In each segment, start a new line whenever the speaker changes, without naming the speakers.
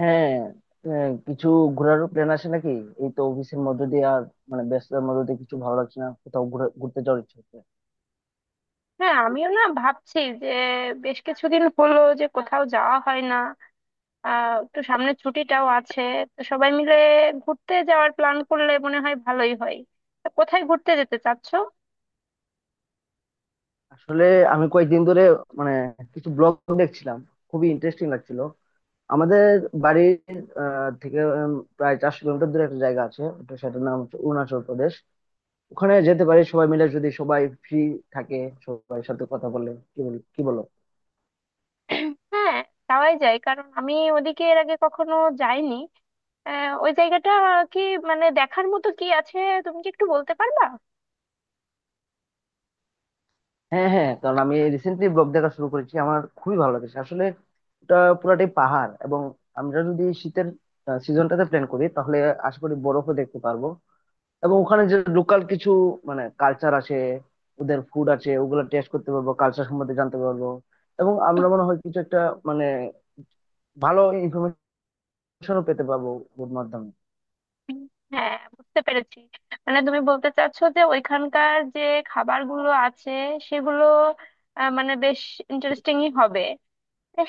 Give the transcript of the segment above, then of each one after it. হ্যাঁ। কিছু ঘোরারও প্ল্যান আছে নাকি? এই তো অফিসের মধ্যে দিয়ে আর মানে ব্যস্ততার মধ্যে দিয়ে কিছু ভালো লাগছে না, কোথাও ঘুরতে যাওয়ার ইচ্ছে হচ্ছে।
হ্যাঁ, আমিও না ভাবছি যে বেশ কিছুদিন হলো যে কোথাও যাওয়া হয় না। একটু সামনে ছুটিটাও আছে, তো সবাই মিলে ঘুরতে যাওয়ার প্ল্যান করলে মনে হয় ভালোই হয়। তা কোথায় ঘুরতে যেতে চাচ্ছো?
আসলে আমি কয়েকদিন ধরে মানে কিছু ব্লগ দেখছিলাম, খুবই ইন্টারেস্টিং লাগছিল। আমাদের বাড়ির থেকে প্রায় 400 কিলোমিটার দূরে একটা জায়গা আছে, ওটা সেটার নাম হচ্ছে অরুণাচল প্রদেশ। ওখানে যেতে পারি সবাই মিলে, যদি সবাই ফ্রি থাকে। সবাই সাথে কথা বলে কি বলো?
হ্যাঁ, যাওয়াই যায় কারণ আমি ওদিকে এর আগে কখনো যাইনি। ওই জায়গাটা কি, মানে দেখার মতো কি আছে? তুমি কি একটু বলতে পারবা?
হ্যাঁ, হ্যাঁ, কারণ আমি রিসেন্টলি ব্লগ দেখা শুরু করেছি, আমার খুবই ভালো লাগছে আসলে। ওটা পুরাটাই পাহাড়, এবং আমরা যদি শীতের সিজনটাতে প্ল্যান করি, তাহলে আশা করি বরফও দেখতে পারবো। এবং ওখানে যে লোকাল কিছু মানে কালচার আছে, ওদের ফুড আছে, ওগুলো টেস্ট করতে পারবো, কালচার সম্বন্ধে জানতে পারবো। এবং আমরা মনে হয় কিছু একটা মানে ভালো ইনফরমেশনও পেতে পারবো ওর মাধ্যমে।
হ্যাঁ, বুঝতে পেরেছি। মানে তুমি বলতে চাচ্ছো যে ওইখানকার যে খাবারগুলো আছে সেগুলো মানে বেশ ইন্টারেস্টিংই হবে।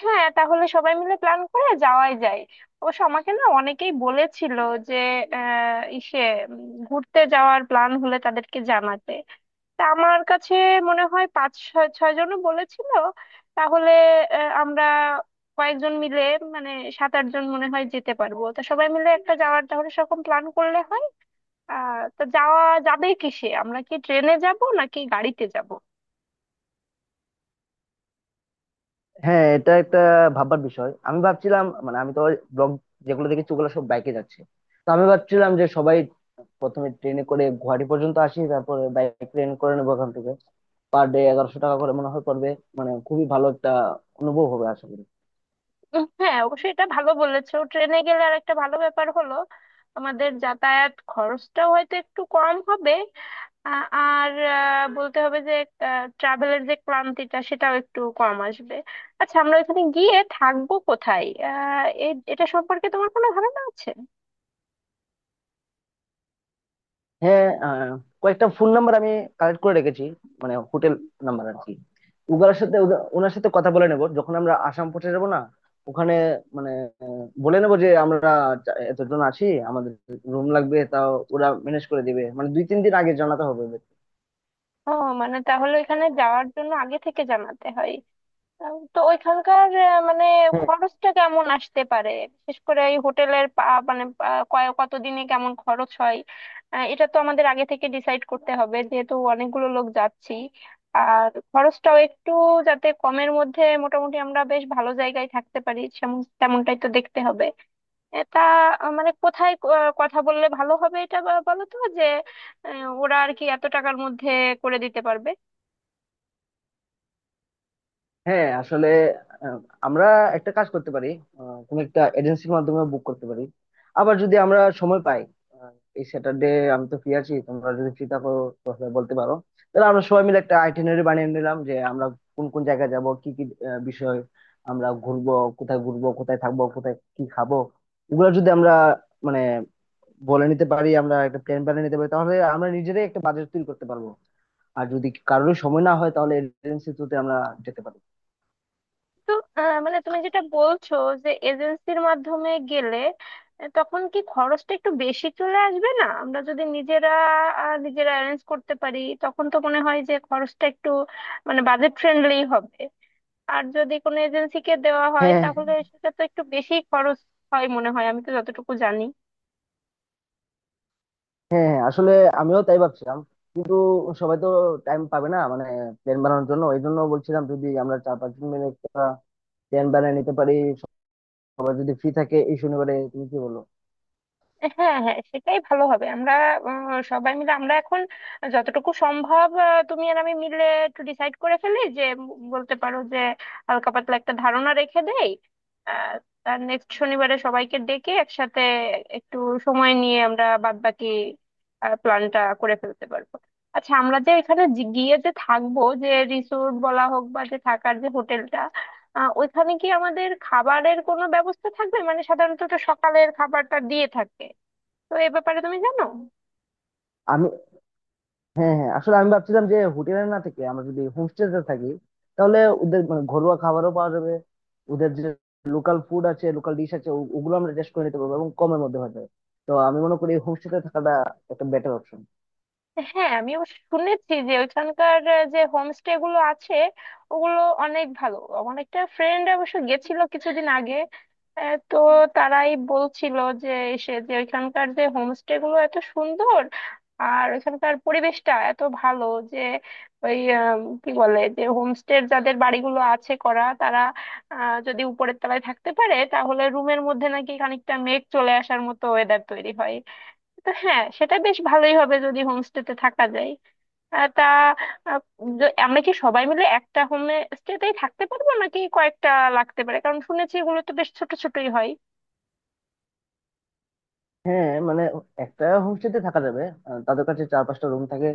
হ্যাঁ, তাহলে সবাই মিলে প্ল্যান করে যাওয়াই যায়। অবশ্য আমাকে না অনেকেই বলেছিল যে আহ ইসে ঘুরতে যাওয়ার প্ল্যান হলে তাদেরকে জানাতে। তা আমার কাছে মনে হয় পাঁচ ছয় ছয় জনও বলেছিল। তাহলে আমরা কয়েকজন মিলে, মানে 7-8 জন মনে হয় যেতে পারবো, তা সবাই মিলে একটা যাওয়ার তাহলে সেরকম প্ল্যান করলে হয়। তা যাওয়া যাবে কিসে, আমরা কি ট্রেনে যাব নাকি গাড়িতে যাব?
হ্যাঁ, এটা একটা ভাববার বিষয়। আমি ভাবছিলাম মানে আমি তো ব্লগ যেগুলো দেখেছি ওগুলো সব বাইকে যাচ্ছে। তো আমি ভাবছিলাম যে সবাই প্রথমে ট্রেনে করে গুয়াহাটি পর্যন্ত আসি, তারপরে বাইক ট্রেন করে নেবো ওখান থেকে। পার ডে 1100 টাকা করে মনে হয় পড়বে। মানে খুবই ভালো একটা অনুভব হবে আশা করি।
হ্যাঁ, অবশ্যই, এটা ভালো বলেছো। ট্রেনে গেলে আর একটা ভালো ব্যাপার হলো আমাদের যাতায়াত খরচটাও হয়তো একটু কম হবে। আ- আর বলতে হবে যে ট্রাভেলের যে ক্লান্তিটা সেটাও একটু কম আসবে। আচ্ছা, আমরা এখানে গিয়ে থাকবো কোথায়? এটা সম্পর্কে তোমার কোনো ধারণা আছে?
হ্যাঁ, কয়েকটা ফোন নাম্বার আমি কালেক্ট করে রেখেছি, মানে হোটেল নাম্বার আর কি। উগার সাথে ওনার সাথে কথা বলে নেবো যখন আমরা আসাম পৌঁছে যাবো না ওখানে, মানে বলে নেবো যে আমরা এতজন আছি, আমাদের রুম লাগবে, তাও ওরা ম্যানেজ করে দিবে, মানে 2-3 দিন আগে জানাতে হবে ওদের।
ও, মানে তাহলে এখানে যাওয়ার জন্য আগে থেকে জানাতে হয়। তো ওইখানকার মানে
হ্যাঁ,
খরচটা কেমন আসতে পারে? বিশেষ করে এই হোটেলের মানে, কতদিনে কেমন খরচ হয়? এটা তো আমাদের আগে থেকে ডিসাইড করতে হবে যেহেতু অনেকগুলো লোক যাচ্ছি। আর খরচটাও একটু, যাতে কমের মধ্যে মোটামুটি আমরা বেশ ভালো জায়গায় থাকতে পারি তেমনটাই তো দেখতে হবে। এটা মানে কোথায় কথা বললে ভালো হবে, এটা বলো তো যে ওরা আর কি এত টাকার মধ্যে করে দিতে পারবে?
হ্যাঁ, আসলে আহ, আমরা একটা কাজ করতে পারি, কোনো একটা এজেন্সির মাধ্যমে বুক করতে পারি। আবার যদি আমরা সময় পাই, আহ, এই স্যাটারডে আমি তো ফ্রি আছি, তোমরা যদি ফ্রি থাকো তাহলে বলতে পারো। তাহলে আমরা সবাই মিলে একটা আইটিনারি বানিয়ে নিলাম যে আমরা কোন কোন জায়গায় যাব, কি কি বিষয় আমরা ঘুরবো, কোথায় ঘুরবো, কোথায় থাকবো, কোথায় কি খাবো। এগুলো যদি আমরা মানে বলে নিতে পারি, আমরা একটা প্ল্যান বানিয়ে নিতে পারি, তাহলে আমরা নিজেরাই একটা বাজেট তৈরি করতে পারবো। আর যদি কারোর সময় না হয় তাহলে এজেন্সি থ্রুতে আমরা যেতে পারি।
তো মানে তুমি যেটা বলছো, যে এজেন্সির মাধ্যমে গেলে তখন কি খরচটা একটু বেশি চলে আসবে না? আমরা যদি নিজেরা অ্যারেঞ্জ করতে পারি তখন তো মনে হয় যে খরচটা একটু, মানে বাজেট ফ্রেন্ডলি হবে। আর যদি কোনো এজেন্সিকে দেওয়া হয়
হ্যাঁ,
তাহলে সেটা তো একটু বেশি খরচ হয় মনে হয়, আমি তো যতটুকু জানি।
হ্যাঁ, হ্যাঁ, আসলে আমিও তাই ভাবছিলাম। কিন্তু সবাই তো টাইম পাবে না মানে প্ল্যান বানানোর জন্য, এই জন্য বলছিলাম যদি আমরা 4-5 জন মিলে একটা প্ল্যান বানিয়ে নিতে পারি, সবাই যদি ফ্রি থাকে এই শনিবারে। তুমি কি বলো?
হ্যাঁ হ্যাঁ, সেটাই ভালো হবে। আমরা সবাই মিলে আমরা এখন যতটুকু সম্ভব, তুমি আর আমি মিলে একটু ডিসাইড করে ফেলি যে বলতে পারো যে হালকা পাতলা একটা ধারণা রেখে দেই। আহ, আর নেক্সট শনিবারে সবাইকে ডেকে একসাথে একটু সময় নিয়ে আমরা বাদবাকি প্ল্যানটা করে ফেলতে পারবো। আচ্ছা, আমরা যে এখানে গিয়ে যে থাকবো, যে রিসোর্ট বলা হোক বা যে থাকার যে হোটেলটা, ওইখানে কি আমাদের খাবারের কোনো ব্যবস্থা থাকবে? মানে সাধারণত তো সকালের খাবারটা দিয়ে থাকে, তো এ ব্যাপারে তুমি জানো?
আমি, হ্যাঁ, আসলে আমি ভাবছিলাম যে হোটেলে না থেকে আমরা যদি হোমস্টেতে থাকি, তাহলে ওদের মানে ঘরোয়া খাবারও পাওয়া যাবে। ওদের যে লোকাল ফুড আছে, লোকাল ডিশ আছে, ওগুলো আমরা টেস্ট করে নিতে পারবো এবং কমের মধ্যে হয়ে যাবে। তো আমি মনে করি হোমস্টেতে থাকাটা একটা বেটার অপশন।
হ্যাঁ, আমি অবশ্য শুনেছি যে ওইখানকার যে হোমস্টে গুলো আছে ওগুলো অনেক ভালো। আমার একটা ফ্রেন্ড অবশ্য গেছিল কিছুদিন আগে, তো তারাই বলছিল যে সে যে ওইখানকার যে হোমস্টে গুলো এত সুন্দর আর ওইখানকার পরিবেশটা এত ভালো যে ওই কি বলে, যে হোমস্টের যাদের বাড়িগুলো আছে করা, তারা যদি উপরের তলায় থাকতে পারে তাহলে রুমের মধ্যে নাকি খানিকটা মেঘ চলে আসার মতো ওয়েদার তৈরি হয়। তো হ্যাঁ, সেটা বেশ ভালোই হবে যদি হোমস্টেতে থাকা যায়। তা আহ, আমরা কি সবাই মিলে একটা হোম স্টেতেই থাকতে পারবো নাকি কয়েকটা লাগতে পারে? কারণ শুনেছি এগুলো তো বেশ ছোট ছোটই হয়।
হ্যাঁ, মানে একটা হোমস্টেতে থাকা যাবে। তাদের কাছে 4-5টা রুম থাকে,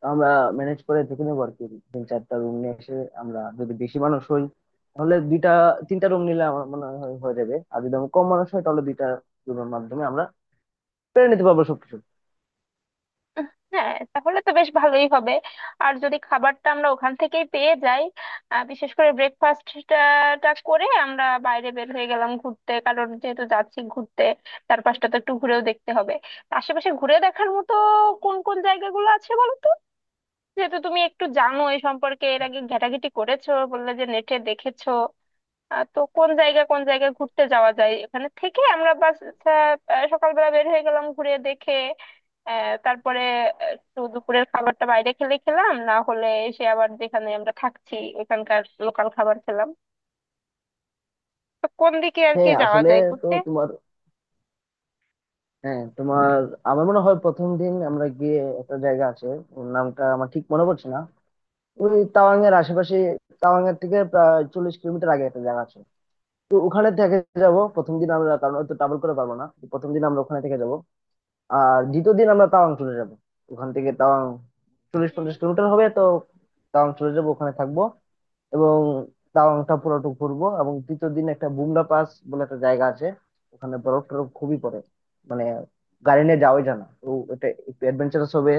তো আমরা ম্যানেজ করে দেখে নেবো আর কি। 3-4টা রুম নিয়ে এসে, আমরা যদি বেশি মানুষ হই তাহলে 2-3টা রুম নিলে আমার মনে হয় হয়ে যাবে। আর যদি আমরা কম মানুষ হয় তাহলে 2টা রুমের মাধ্যমে আমরা পেরে নিতে পারবো সবকিছু।
উহ, হ্যাঁ, তাহলে তো বেশ ভালোই হবে। আর যদি খাবারটা আমরা ওখান থেকেই পেয়ে যাই, বিশেষ করে ব্রেকফাস্টটা করে আমরা বাইরে বের হয়ে গেলাম ঘুরতে, কারণ যেহেতু যাচ্ছি ঘুরতে, চারপাশটা তো একটু ঘুরেও দেখতে হবে। তা আশেপাশে ঘুরে দেখার মতো কোন কোন জায়গাগুলো আছে বলো তো? যেহেতু তুমি একটু জানো এই সম্পর্কে, এর আগে ঘেটাঘেটি করেছো বললে যে নেটে দেখেছো। তো কোন জায়গা কোন জায়গায় ঘুরতে যাওয়া যায় এখানে থেকে? আমরা বাস সকালবেলা বের হয়ে গেলাম ঘুরে দেখে, তারপরে একটু দুপুরের খাবারটা বাইরে খেলে খেলাম না হলে এসে আবার যেখানে আমরা থাকছি ওখানকার লোকাল খাবার খেলাম। তো কোন দিকে আর কি
হ্যাঁ,
যাওয়া
আসলে,
যায়
তো
ঘুরতে?
তোমার হ্যাঁ তোমার আমার মনে হয় প্রথম দিন আমরা গিয়ে একটা জায়গা আছে, ওর নামটা আমার ঠিক মনে পড়ছে না, ওই তাওয়াং এর আশেপাশে। তাওয়াং এর থেকে প্রায় 40 কিলোমিটার আগে একটা জায়গা আছে, তো ওখানে থেকে যাব প্রথম দিন আমরা, কারণ অত ট্রাভেল করে পারবো না। তো প্রথম দিন আমরা ওখানে থেকে যাব। আর দ্বিতীয় দিন আমরা তাওয়াং চলে যাব, ওখান থেকে তাওয়াং 40-50 কিলোমিটার হবে তো। তাওয়াং চলে যাব, ওখানে থাকবো। এবং তাওয়াংটা পুরোটুকু ঘুরবো। এবং তৃতীয় দিন একটা বুমলা পাস বলে একটা জায়গা আছে, ওখানে বরফ টরফ খুবই পড়ে। মানে গাড়ি নিয়ে যাওয়াই জানা তো, এটা একটু অ্যাডভেঞ্চারাস হবে।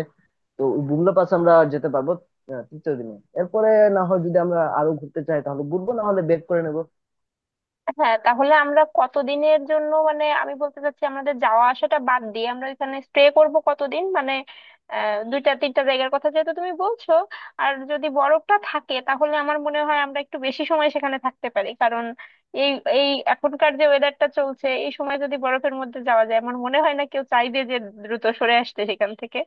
তো ওই বুমলা পাস আমরা যেতে পারবো তৃতীয় দিনে। এরপরে না হয় যদি আমরা আরো ঘুরতে চাই তাহলে ঘুরবো, না হলে বেক করে নেবো।
হ্যাঁ, তাহলে আমরা কতদিনের জন্য, মানে আমি বলতে চাচ্ছি আমাদের যাওয়া আসাটা বাদ দিয়ে আমরা এখানে স্টে করব কতদিন, মানে দুইটা তিনটা জায়গার কথা যেহেতু তুমি বলছো। আর যদি বরফটা থাকে তাহলে আমার মনে হয় আমরা একটু বেশি সময় সেখানে থাকতে পারি, কারণ এই এই এখনকার যে ওয়েদারটা চলছে এই সময় যদি বরফের মধ্যে যাওয়া যায় আমার মনে হয় না কেউ চাইবে যে দ্রুত সরে আসতে সেখান থেকে।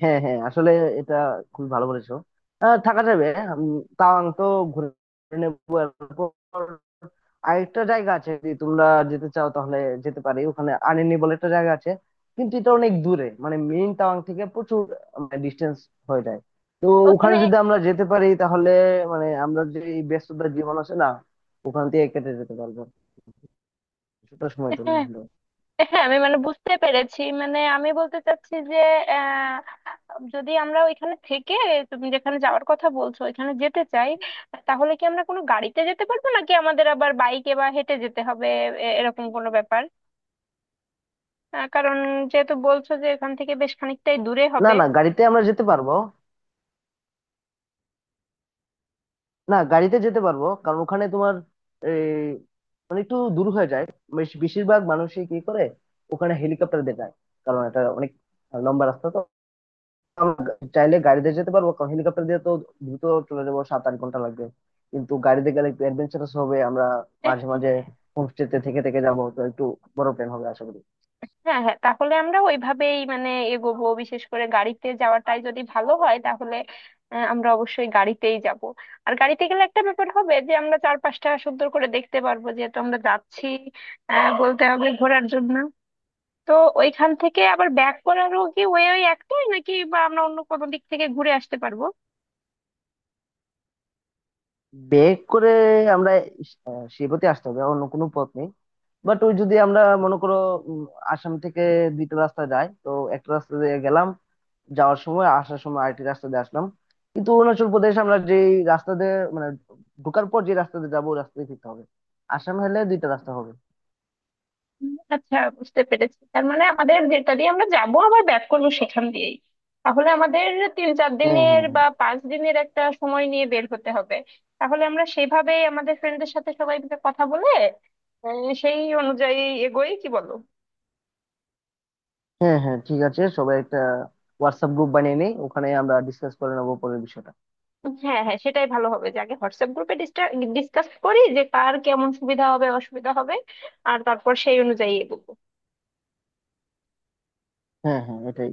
হ্যাঁ, হ্যাঁ, আসলে এটা খুবই ভালো বলেছো। থাকা যাবে। তাওয়াং তো ঘুরে নেবো। এরপর আরেকটা জায়গা আছে, যদি তোমরা যেতে চাও তাহলে যেতে পারি। ওখানে আনিনি বলে একটা জায়গা আছে, কিন্তু এটা অনেক দূরে, মানে মেইন তাওয়াং থেকে প্রচুর ডিস্টেন্স হয়ে যায়। তো ওখানে
ওখানে,
যদি আমরা যেতে পারি তাহলে, মানে আমরা যে এই ব্যস্ততার জীবন আছে না, ওখান থেকে কেটে যেতে পারবো কিছুটা সময়ের জন্য
হ্যাঁ
হলেও।
হ্যাঁ, আমি মানে বুঝতে পেরেছি। মানে আমি বলতে চাচ্ছি যে যদি আমরা ওইখানে থেকে তুমি যেখানে যাওয়ার কথা বলছো ওইখানে যেতে চাই, তাহলে কি আমরা কোনো গাড়িতে যেতে পারবো নাকি আমাদের আবার বাইকে বা হেঁটে যেতে হবে? এরকম কোনো ব্যাপার, কারণ যেহেতু বলছো যে এখান থেকে বেশ খানিকটাই দূরে
না,
হবে।
না, গাড়িতে আমরা যেতে পারবো, না গাড়িতে যেতে পারবো, কারণ ওখানে তোমার এই মানে একটু দূর হয়ে যায়। বেশিরভাগ মানুষই কি করে ওখানে হেলিকপ্টার দিয়ে যায়, কারণ এটা অনেক লম্বা রাস্তা তো। আমরা চাইলে গাড়িতে যেতে পারবো, কারণ হেলিকপ্টার দিয়ে তো দ্রুত চলে যাবো। 7-8 ঘন্টা লাগবে। কিন্তু গাড়িতে গেলে একটু অ্যাডভেঞ্চারাস হবে, আমরা
এহ,
মাঝে মাঝে হোমস্টেতে থেকে থেকে যাবো, তো একটু বড় প্ল্যান হবে আশা করি।
হ্যাঁ হ্যাঁ, তাহলে আমরা ওইভাবেই, মানে, এগোবো। বিশেষ করে গাড়িতে যাওয়াটাই যদি ভালো হয় তাহলে আমরা অবশ্যই গাড়িতেই যাব। আর গাড়িতে গেলে একটা ব্যাপার হবে যে আমরা চারপাশটা সুন্দর করে দেখতে পারবো যেহেতু আমরা যাচ্ছি, বলতে হবে, ঘোরার জন্য। তো ওইখান থেকে আবার ব্যাক করারও কি ওই ওই একটাই নাকি বা আমরা অন্য কোনো দিক থেকে ঘুরে আসতে পারবো?
ব্যাক করে আমরা শিবতে আসতে হবে, অন্য কোনো পথ নেই। বাট ওই যদি আমরা মনে করো, উম, আসাম থেকে দুইটা রাস্তা যাই তো। একটা রাস্তা দিয়ে গেলাম, যাওয়ার সময় আসার সময় আরেকটি রাস্তা দিয়ে আসলাম। কিন্তু অরুণাচল প্রদেশ আমরা যে রাস্তা দিয়ে মানে ঢোকার পর যে রাস্তা দিয়ে যাবো, ওই রাস্তা দিয়ে ফিরতে হবে। আসাম হলে দুইটা রাস্তা হবে।
হুম। আচ্ছা, বুঝতে পেরেছি। তার মানে আমাদের যেটা দিয়ে আমরা যাব আবার ব্যাক করবো সেখান দিয়েই। তাহলে আমাদের তিন চার
হ্যাঁ,
দিনের
হ্যাঁ, হ্যাঁ।
বা 5 দিনের একটা সময় নিয়ে বের হতে হবে। তাহলে আমরা সেভাবেই আমাদের ফ্রেন্ডদের সাথে সবাই মিলে কথা বলে সেই অনুযায়ী এগোই, কি বলো?
হ্যাঁ, হ্যাঁ, ঠিক আছে। সবাই একটা হোয়াটসঅ্যাপ গ্রুপ বানিয়ে নিই, ওখানে আমরা ডিসকাস করে নেবো পরের বিষয়টা।
হ্যাঁ হ্যাঁ, সেটাই ভালো হবে যে আগে হোয়াটসঅ্যাপ গ্রুপে ডিসকাস করি যে কার কেমন সুবিধা হবে, অসুবিধা হবে, আর তারপর সেই অনুযায়ী এগোবো।
হ্যাঁ, হ্যাঁ, এটাই।